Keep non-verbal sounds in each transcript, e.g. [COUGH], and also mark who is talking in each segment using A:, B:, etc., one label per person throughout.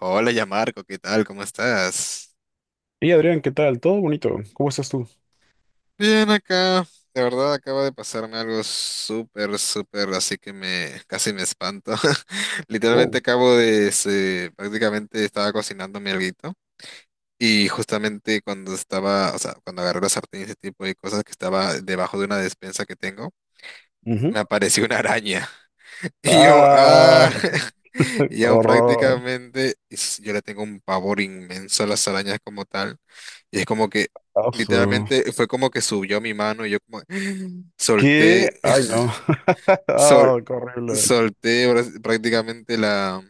A: Hola, ya Marco, ¿qué tal? ¿Cómo estás?
B: Y Adrián, ¿qué tal? ¿Todo bonito? ¿Cómo estás tú?
A: Bien acá. De verdad acaba de pasarme algo súper, súper, así que me casi me espanto. [LAUGHS] Literalmente
B: Oh.
A: prácticamente estaba cocinando mi alguito y justamente cuando estaba, o sea, cuando agarré la sartén y ese tipo de cosas que estaba debajo de una despensa que tengo, me
B: Ujú.
A: apareció una araña. [LAUGHS] Y yo,
B: Ah,
A: ah. [LAUGHS]
B: [LAUGHS]
A: Yo
B: horror.
A: prácticamente, yo le tengo un pavor inmenso a las arañas como tal. Y es como que,
B: Asu.
A: literalmente, fue como que subió a mi mano y yo como [GASPS] solté,
B: ¿Qué? Ay, no.
A: [LAUGHS]
B: [LAUGHS]
A: sol-
B: Ah, qué horrible.
A: solté prácticamente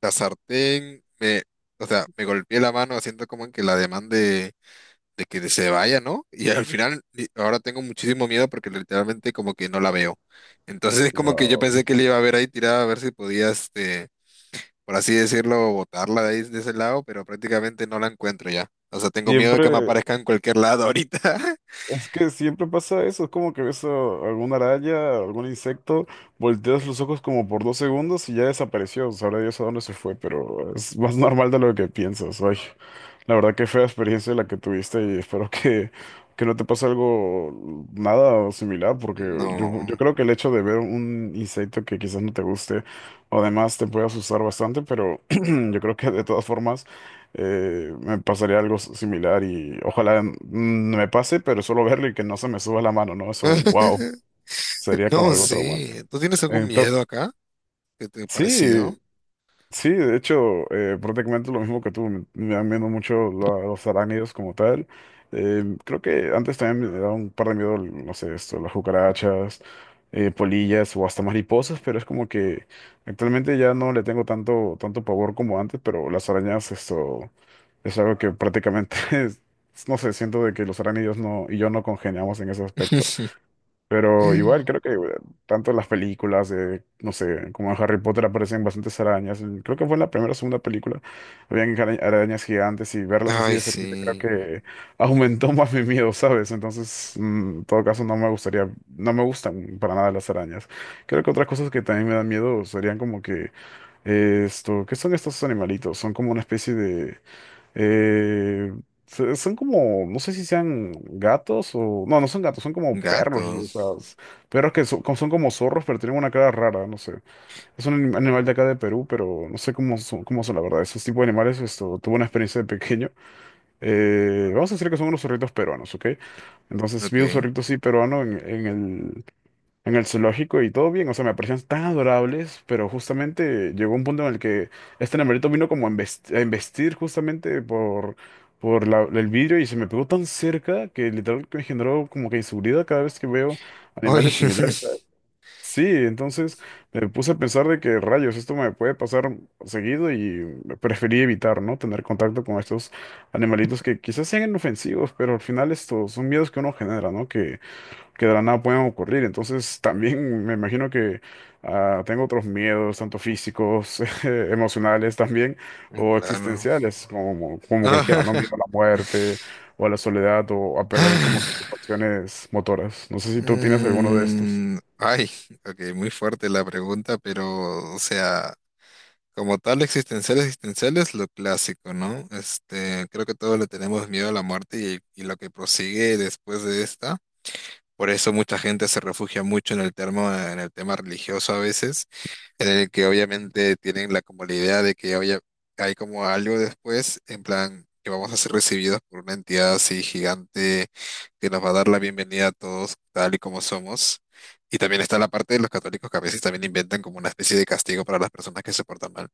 A: la sartén. Me, o sea, me golpeé la mano haciendo como que la demanda de que se vaya, ¿no? Y al final, ahora tengo muchísimo miedo porque literalmente como que no la veo. Entonces, [LAUGHS] como que yo
B: Wow.
A: pensé que le iba a ver ahí tirada a ver si podía, este, por así decirlo, botarla de ahí, de ese lado, pero prácticamente no la encuentro ya. O sea, tengo miedo de que me
B: Siempre,
A: aparezca en cualquier lado ahorita. [LAUGHS]
B: es que siempre pasa eso. Es como que alguna araña, algún insecto, volteas los ojos como por dos segundos y ya desapareció. Sabrá Dios a dónde se fue, pero es más normal de lo que piensas. Ay. La verdad que fea experiencia la que tuviste y que no te pase algo nada o similar, porque yo
A: No.
B: creo que el hecho de ver un insecto que quizás no te guste, además te puede asustar bastante, pero [CLEARS THROAT] yo creo que de todas formas me pasaría algo similar y ojalá no me pase, pero solo verlo y que no se me suba la mano, ¿no? Eso, wow,
A: [LAUGHS]
B: sería como
A: No,
B: algo traumante.
A: sí. ¿Tú tienes algún miedo
B: Entonces,
A: acá? ¿Qué te ha parecido?
B: sí. Sí, de hecho, prácticamente lo mismo que tú, me dan miedo mucho los arácnidos como tal. Creo que antes también me daba un par de miedo, no sé, esto, las cucarachas, polillas o hasta mariposas, pero es como que actualmente ya no le tengo tanto pavor como antes, pero las arañas, esto, es algo que prácticamente, [LAUGHS] no sé, siento de que los arácnidos no, y yo no congeniamos en ese aspecto.
A: [LAUGHS]
B: Pero igual creo que tanto las películas, de, no sé, como en Harry Potter aparecen bastantes arañas. Creo que fue en la primera o segunda película. Habían arañas gigantes y verlas así
A: Ay,
B: de cerquita creo
A: sí.
B: que [LAUGHS] aumentó más mi miedo, ¿sabes? Entonces, mm, en todo caso, no me gustaría, no me gustan para nada las arañas. Creo que otras cosas que también me dan miedo serían como que esto, ¿qué son estos animalitos? Son como una especie de... Eh, son como, no sé si sean gatos o... No, no son gatos, son como perros.
A: Gatos.
B: Perros que son como zorros, pero tienen una cara rara, no sé. Es un animal de acá de Perú, pero no sé cómo son la verdad. Esos tipos de animales, esto, tuve una experiencia de pequeño. Vamos a decir que son unos zorritos peruanos, ¿ok? Entonces vi un
A: Ok.
B: zorrito así peruano en el zoológico y todo bien, o sea, me parecían tan adorables, pero justamente llegó un punto en el que este nemerito vino como a a embestir por el vidrio y se me pegó tan cerca que literal que me generó como que inseguridad cada vez que veo
A: Ay,
B: animales similares. Sí, entonces me puse a pensar de que rayos, esto me puede pasar seguido y preferí evitar, ¿no? Tener contacto con estos animalitos que quizás sean inofensivos, pero al final estos son miedos que uno genera, ¿no? Que de la nada puedan ocurrir. Entonces, también me imagino que ah, tengo otros miedos, tanto físicos, [LAUGHS] emocionales también,
A: [LAUGHS]
B: o
A: claro.
B: existenciales, como cualquiera, ¿no? Miedo a la
A: [LAUGHS]
B: muerte, o a la soledad, o a perder como que tus pasiones motoras. No sé si tú tienes alguno de estos.
A: Mm, ay, ok, muy fuerte la pregunta, pero, o sea. Como tal, existenciales existenciales lo clásico, ¿no? Este, creo que todos le tenemos miedo a la muerte y lo que prosigue después de esta. Por eso mucha gente se refugia mucho en el termo, en el tema religioso a veces en el que obviamente tienen la como la idea de que oye, hay como algo después, en plan que vamos a ser recibidos por una entidad así gigante que nos va a dar la bienvenida a todos tal y como somos. Y también está la parte de los católicos que a veces también inventan como una especie de castigo para las personas que se portan mal.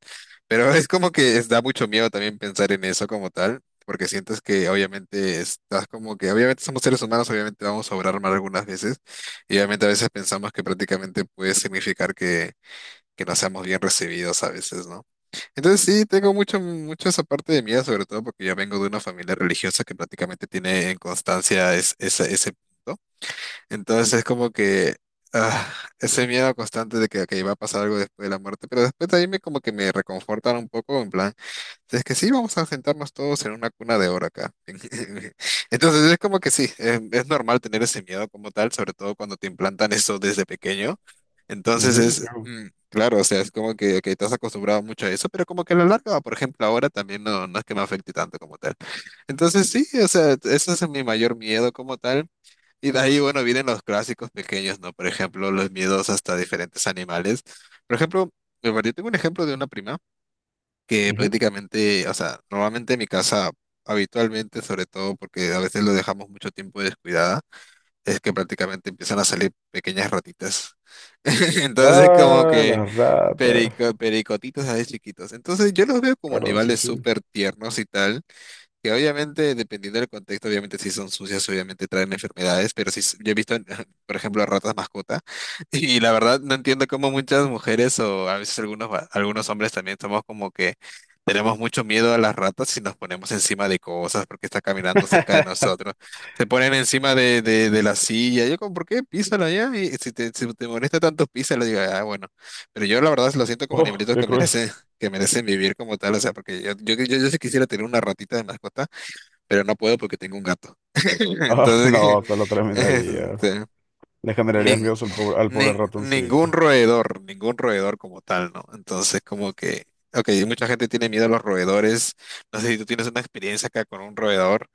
A: Pero [LAUGHS] es como que da mucho miedo también pensar en eso como tal, porque sientes que obviamente estás como que, obviamente somos seres humanos, obviamente vamos a obrar mal algunas veces, y obviamente a veces pensamos que prácticamente puede significar que no seamos bien recibidos a veces, ¿no? Entonces sí, tengo mucho, mucho esa parte de miedo, sobre todo porque yo vengo de una familia religiosa que prácticamente tiene en constancia ese punto. Entonces es como que ah, ese miedo constante que va a pasar algo después de la muerte, pero después de ahí me como que me reconfortan un poco, en plan... Es que sí, vamos a sentarnos todos en una cuna de oro acá. [LAUGHS] Entonces es como que sí, es normal tener ese miedo como tal, sobre todo cuando te implantan eso desde pequeño. Entonces
B: Ujú,
A: es,
B: claro.
A: mm, claro, o sea, es como que te has acostumbrado mucho a eso, pero como que a la larga, por ejemplo, ahora también no, no es que me afecte tanto como tal. Entonces sí, o sea, ese es mi mayor miedo como tal. Y de ahí, bueno, vienen los clásicos pequeños, ¿no? Por ejemplo, los miedos hasta diferentes animales. Por ejemplo, yo tengo un ejemplo de una prima que
B: Ujú.
A: prácticamente, o sea, normalmente en mi casa, habitualmente, sobre todo porque a veces lo dejamos mucho tiempo descuidada, es que prácticamente empiezan a salir pequeñas ratitas. [LAUGHS] Entonces, como
B: Ah,
A: que
B: las ratas.
A: pericotitos así chiquitos. Entonces, yo los veo como
B: Claro, sí,
A: animales
B: sí.
A: súper tiernos y tal. Que obviamente, dependiendo del contexto, obviamente si son sucias, obviamente traen enfermedades, pero sí, yo he visto, [LAUGHS] por ejemplo, ratas mascota, [LAUGHS] y la verdad no entiendo cómo muchas mujeres o a veces algunos, algunos hombres también somos como que tenemos mucho miedo a las ratas y nos ponemos encima de cosas porque está caminando cerca de nosotros. Se ponen encima de la silla, yo como, ¿por qué? Písala ya, y si si te molesta tanto, písala, digo, ah, bueno, pero yo la verdad lo siento como
B: Oh,
A: animalitos
B: qué cruel.
A: que merecen vivir como tal, o sea, porque yo sí quisiera tener una ratita de mascota, pero no puedo porque tengo un gato. [LAUGHS]
B: Ah, [LAUGHS]
A: Entonces, que,
B: no, solo terminaría.
A: este,
B: Le generarías
A: ni-
B: miedo al pobre ratoncito.
A: ningún roedor como tal, ¿no? Entonces, como que, ok, mucha gente tiene miedo a los roedores, no sé si tú tienes una experiencia acá con un roedor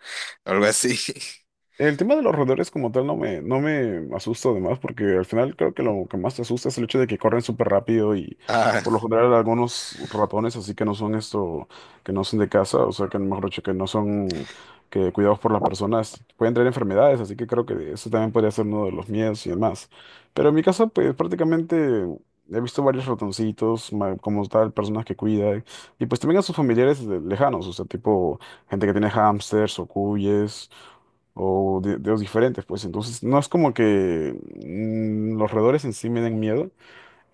A: o algo así. [LAUGHS]
B: El tema de los roedores como tal no me asusta además, porque al final creo que lo que más te asusta es el hecho de que corren súper rápido y
A: Ah,
B: por lo general algunos ratones así que no son esto, que no son de casa, o sea que mejor dicho que no son que cuidados por las personas, pueden traer enfermedades, así que creo que eso también podría ser uno de los miedos y demás. Pero en mi casa pues prácticamente he visto varios ratoncitos, como tal, personas que cuidan, y pues también a sus familiares lejanos, o sea tipo gente que tiene hámsters o cuyes o de diferentes, pues entonces no es como que mm, los roedores en sí me den miedo.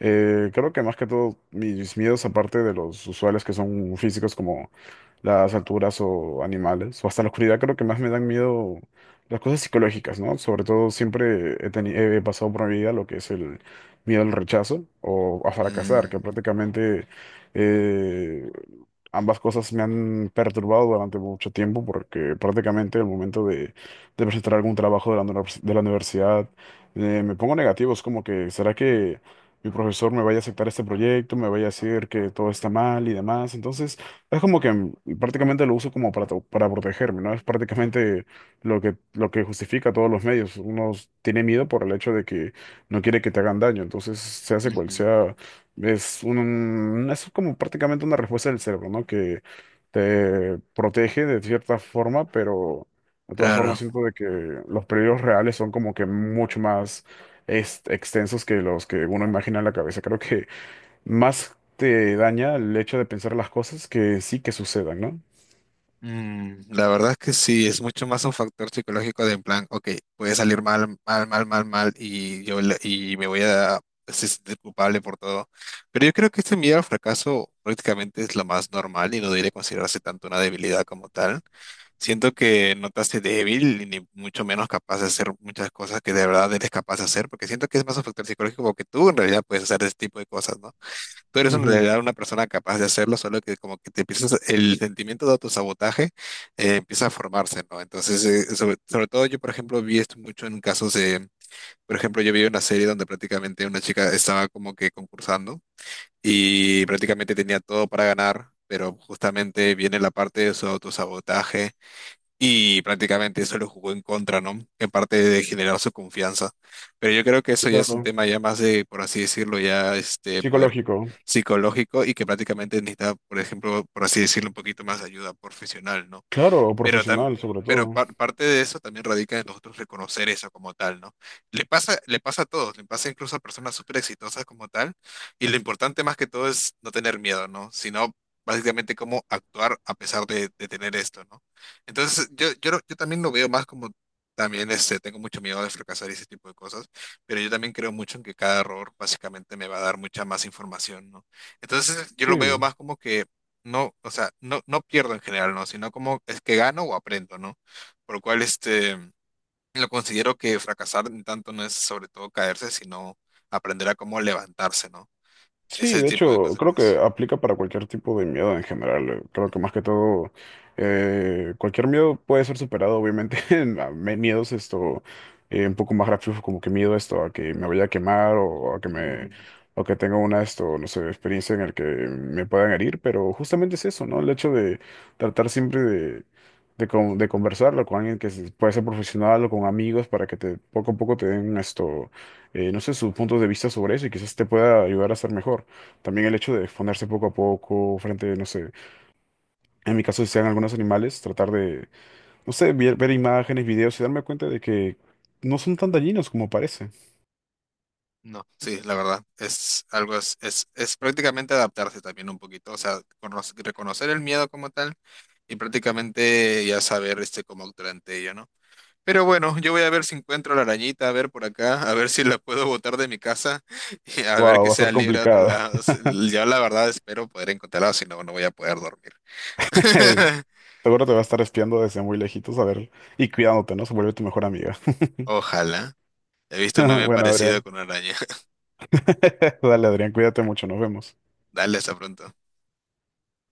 B: Creo que más que todo mis miedos, aparte de los usuales que son físicos, como las alturas o animales, o hasta la oscuridad, creo que más me dan miedo las cosas psicológicas, ¿no? Sobre todo siempre he pasado por mi vida lo que es el miedo al rechazo o a fracasar, que
A: mm,
B: prácticamente eh, ambas cosas me han perturbado durante mucho tiempo, porque prácticamente el momento de presentar algún trabajo de de la universidad, me pongo negativo, es como que, ¿será que... Mi profesor me vaya a aceptar este proyecto, me vaya a decir que todo está mal y demás. Entonces, es como que mm, prácticamente lo uso como para, para protegerme, ¿no? Es prácticamente lo que justifica todos los medios. Uno tiene miedo por el hecho de que no quiere que te hagan daño, entonces se hace cual
A: ujú,
B: sea. Es como prácticamente una respuesta del cerebro, ¿no? Que te protege de cierta forma, pero de todas formas
A: claro.
B: siento de que los peligros reales son como que mucho más es extensos que los que uno imagina en la cabeza. Creo que más te daña el hecho de pensar las cosas que sí que sucedan, ¿no?
A: Mm, la verdad es que sí, es mucho más un factor psicológico de en plan, ok, puede salir mal, mal, mal, mal, mal y y me voy a sentir culpable por todo. Pero yo creo que este miedo al fracaso prácticamente es lo más normal y no debería considerarse tanto una debilidad como tal. Siento que no te hace débil ni mucho menos capaz de hacer muchas cosas que de verdad eres capaz de hacer, porque siento que es más un factor psicológico porque tú en realidad puedes hacer ese tipo de cosas, ¿no? Tú eres en
B: Ujú,
A: realidad una persona capaz de hacerlo, solo que como que te empiezas, el sentimiento de autosabotaje empieza a formarse, ¿no? Entonces, sobre, sobre todo yo, por ejemplo, vi esto mucho en casos de, por ejemplo, yo vi una serie donde prácticamente una chica estaba como que concursando y prácticamente tenía todo para ganar, pero justamente viene la parte de su autosabotaje y prácticamente eso lo jugó en contra, ¿no? En parte de generar su confianza. Pero yo creo que eso ya es un
B: claro.
A: tema ya más de, por así decirlo, ya este poder
B: Psicológico.
A: psicológico y que prácticamente necesita, por ejemplo, por así decirlo, un poquito más de ayuda profesional, ¿no?
B: Claro, o
A: Pero,
B: profesional sobre todo.
A: pero parte de eso también radica en nosotros reconocer eso como tal, ¿no? Le pasa a todos, le pasa incluso a personas súper exitosas como tal, y lo importante más que todo es no tener miedo, ¿no? Sino básicamente cómo actuar a pesar de tener esto, ¿no? Entonces, yo también lo veo más como, también este, tengo mucho miedo de fracasar y ese tipo de cosas, pero yo también creo mucho en que cada error básicamente me va a dar mucha más información, ¿no? Entonces, yo lo veo
B: Sí.
A: más como que no, o sea, no, no pierdo en general, ¿no? Sino como es que gano o aprendo, ¿no? Por lo cual, este, lo considero que fracasar en tanto no es sobre todo caerse, sino aprender a cómo levantarse, ¿no?
B: Sí,
A: Ese
B: de
A: tipo de
B: hecho,
A: cosas
B: creo
A: pienso.
B: que aplica para cualquier tipo de miedo en general. Creo que
A: Ujú.
B: más que todo, cualquier miedo puede ser superado, obviamente. [LAUGHS] Miedos esto, un poco más gráficos, como que miedo esto a que me vaya a quemar o a que me, o que tenga una esto, no sé, experiencia en el que me puedan herir, pero justamente es eso, ¿no? El hecho de tratar siempre de conversarlo con alguien puede ser profesional o con amigos para que te, poco a poco te den esto no sé, sus puntos de vista sobre eso y quizás te pueda ayudar a ser mejor. También el hecho de exponerse poco a poco frente, no sé, en mi caso si sean algunos animales, tratar de, no sé, ver imágenes, videos y darme cuenta de que no son tan dañinos como parece.
A: No, sí, la verdad, es algo, es prácticamente adaptarse también un poquito, o sea, reconocer el miedo como tal y prácticamente ya saber, este, cómo actuar ante ello, ¿no? Pero bueno, yo voy a ver si encuentro la arañita, a ver por acá, a ver si la puedo botar de mi casa [LAUGHS] y a ver
B: Wow,
A: que
B: va a
A: sea
B: ser
A: libre a otro
B: complicado.
A: lado. S- Yo la verdad espero poder encontrarla, si no, no voy a poder dormir.
B: [LAUGHS]
A: [LAUGHS]
B: Seguro te va a estar espiando desde muy lejitos a ver y cuidándote, ¿no? Se vuelve tu mejor amiga. [LAUGHS]
A: Ojalá. He visto un meme
B: Bueno,
A: parecido
B: Adrián.
A: con una araña. [LAUGHS]
B: [LAUGHS] Dale, Adrián, cuídate mucho, nos vemos.
A: Dale, hasta pronto.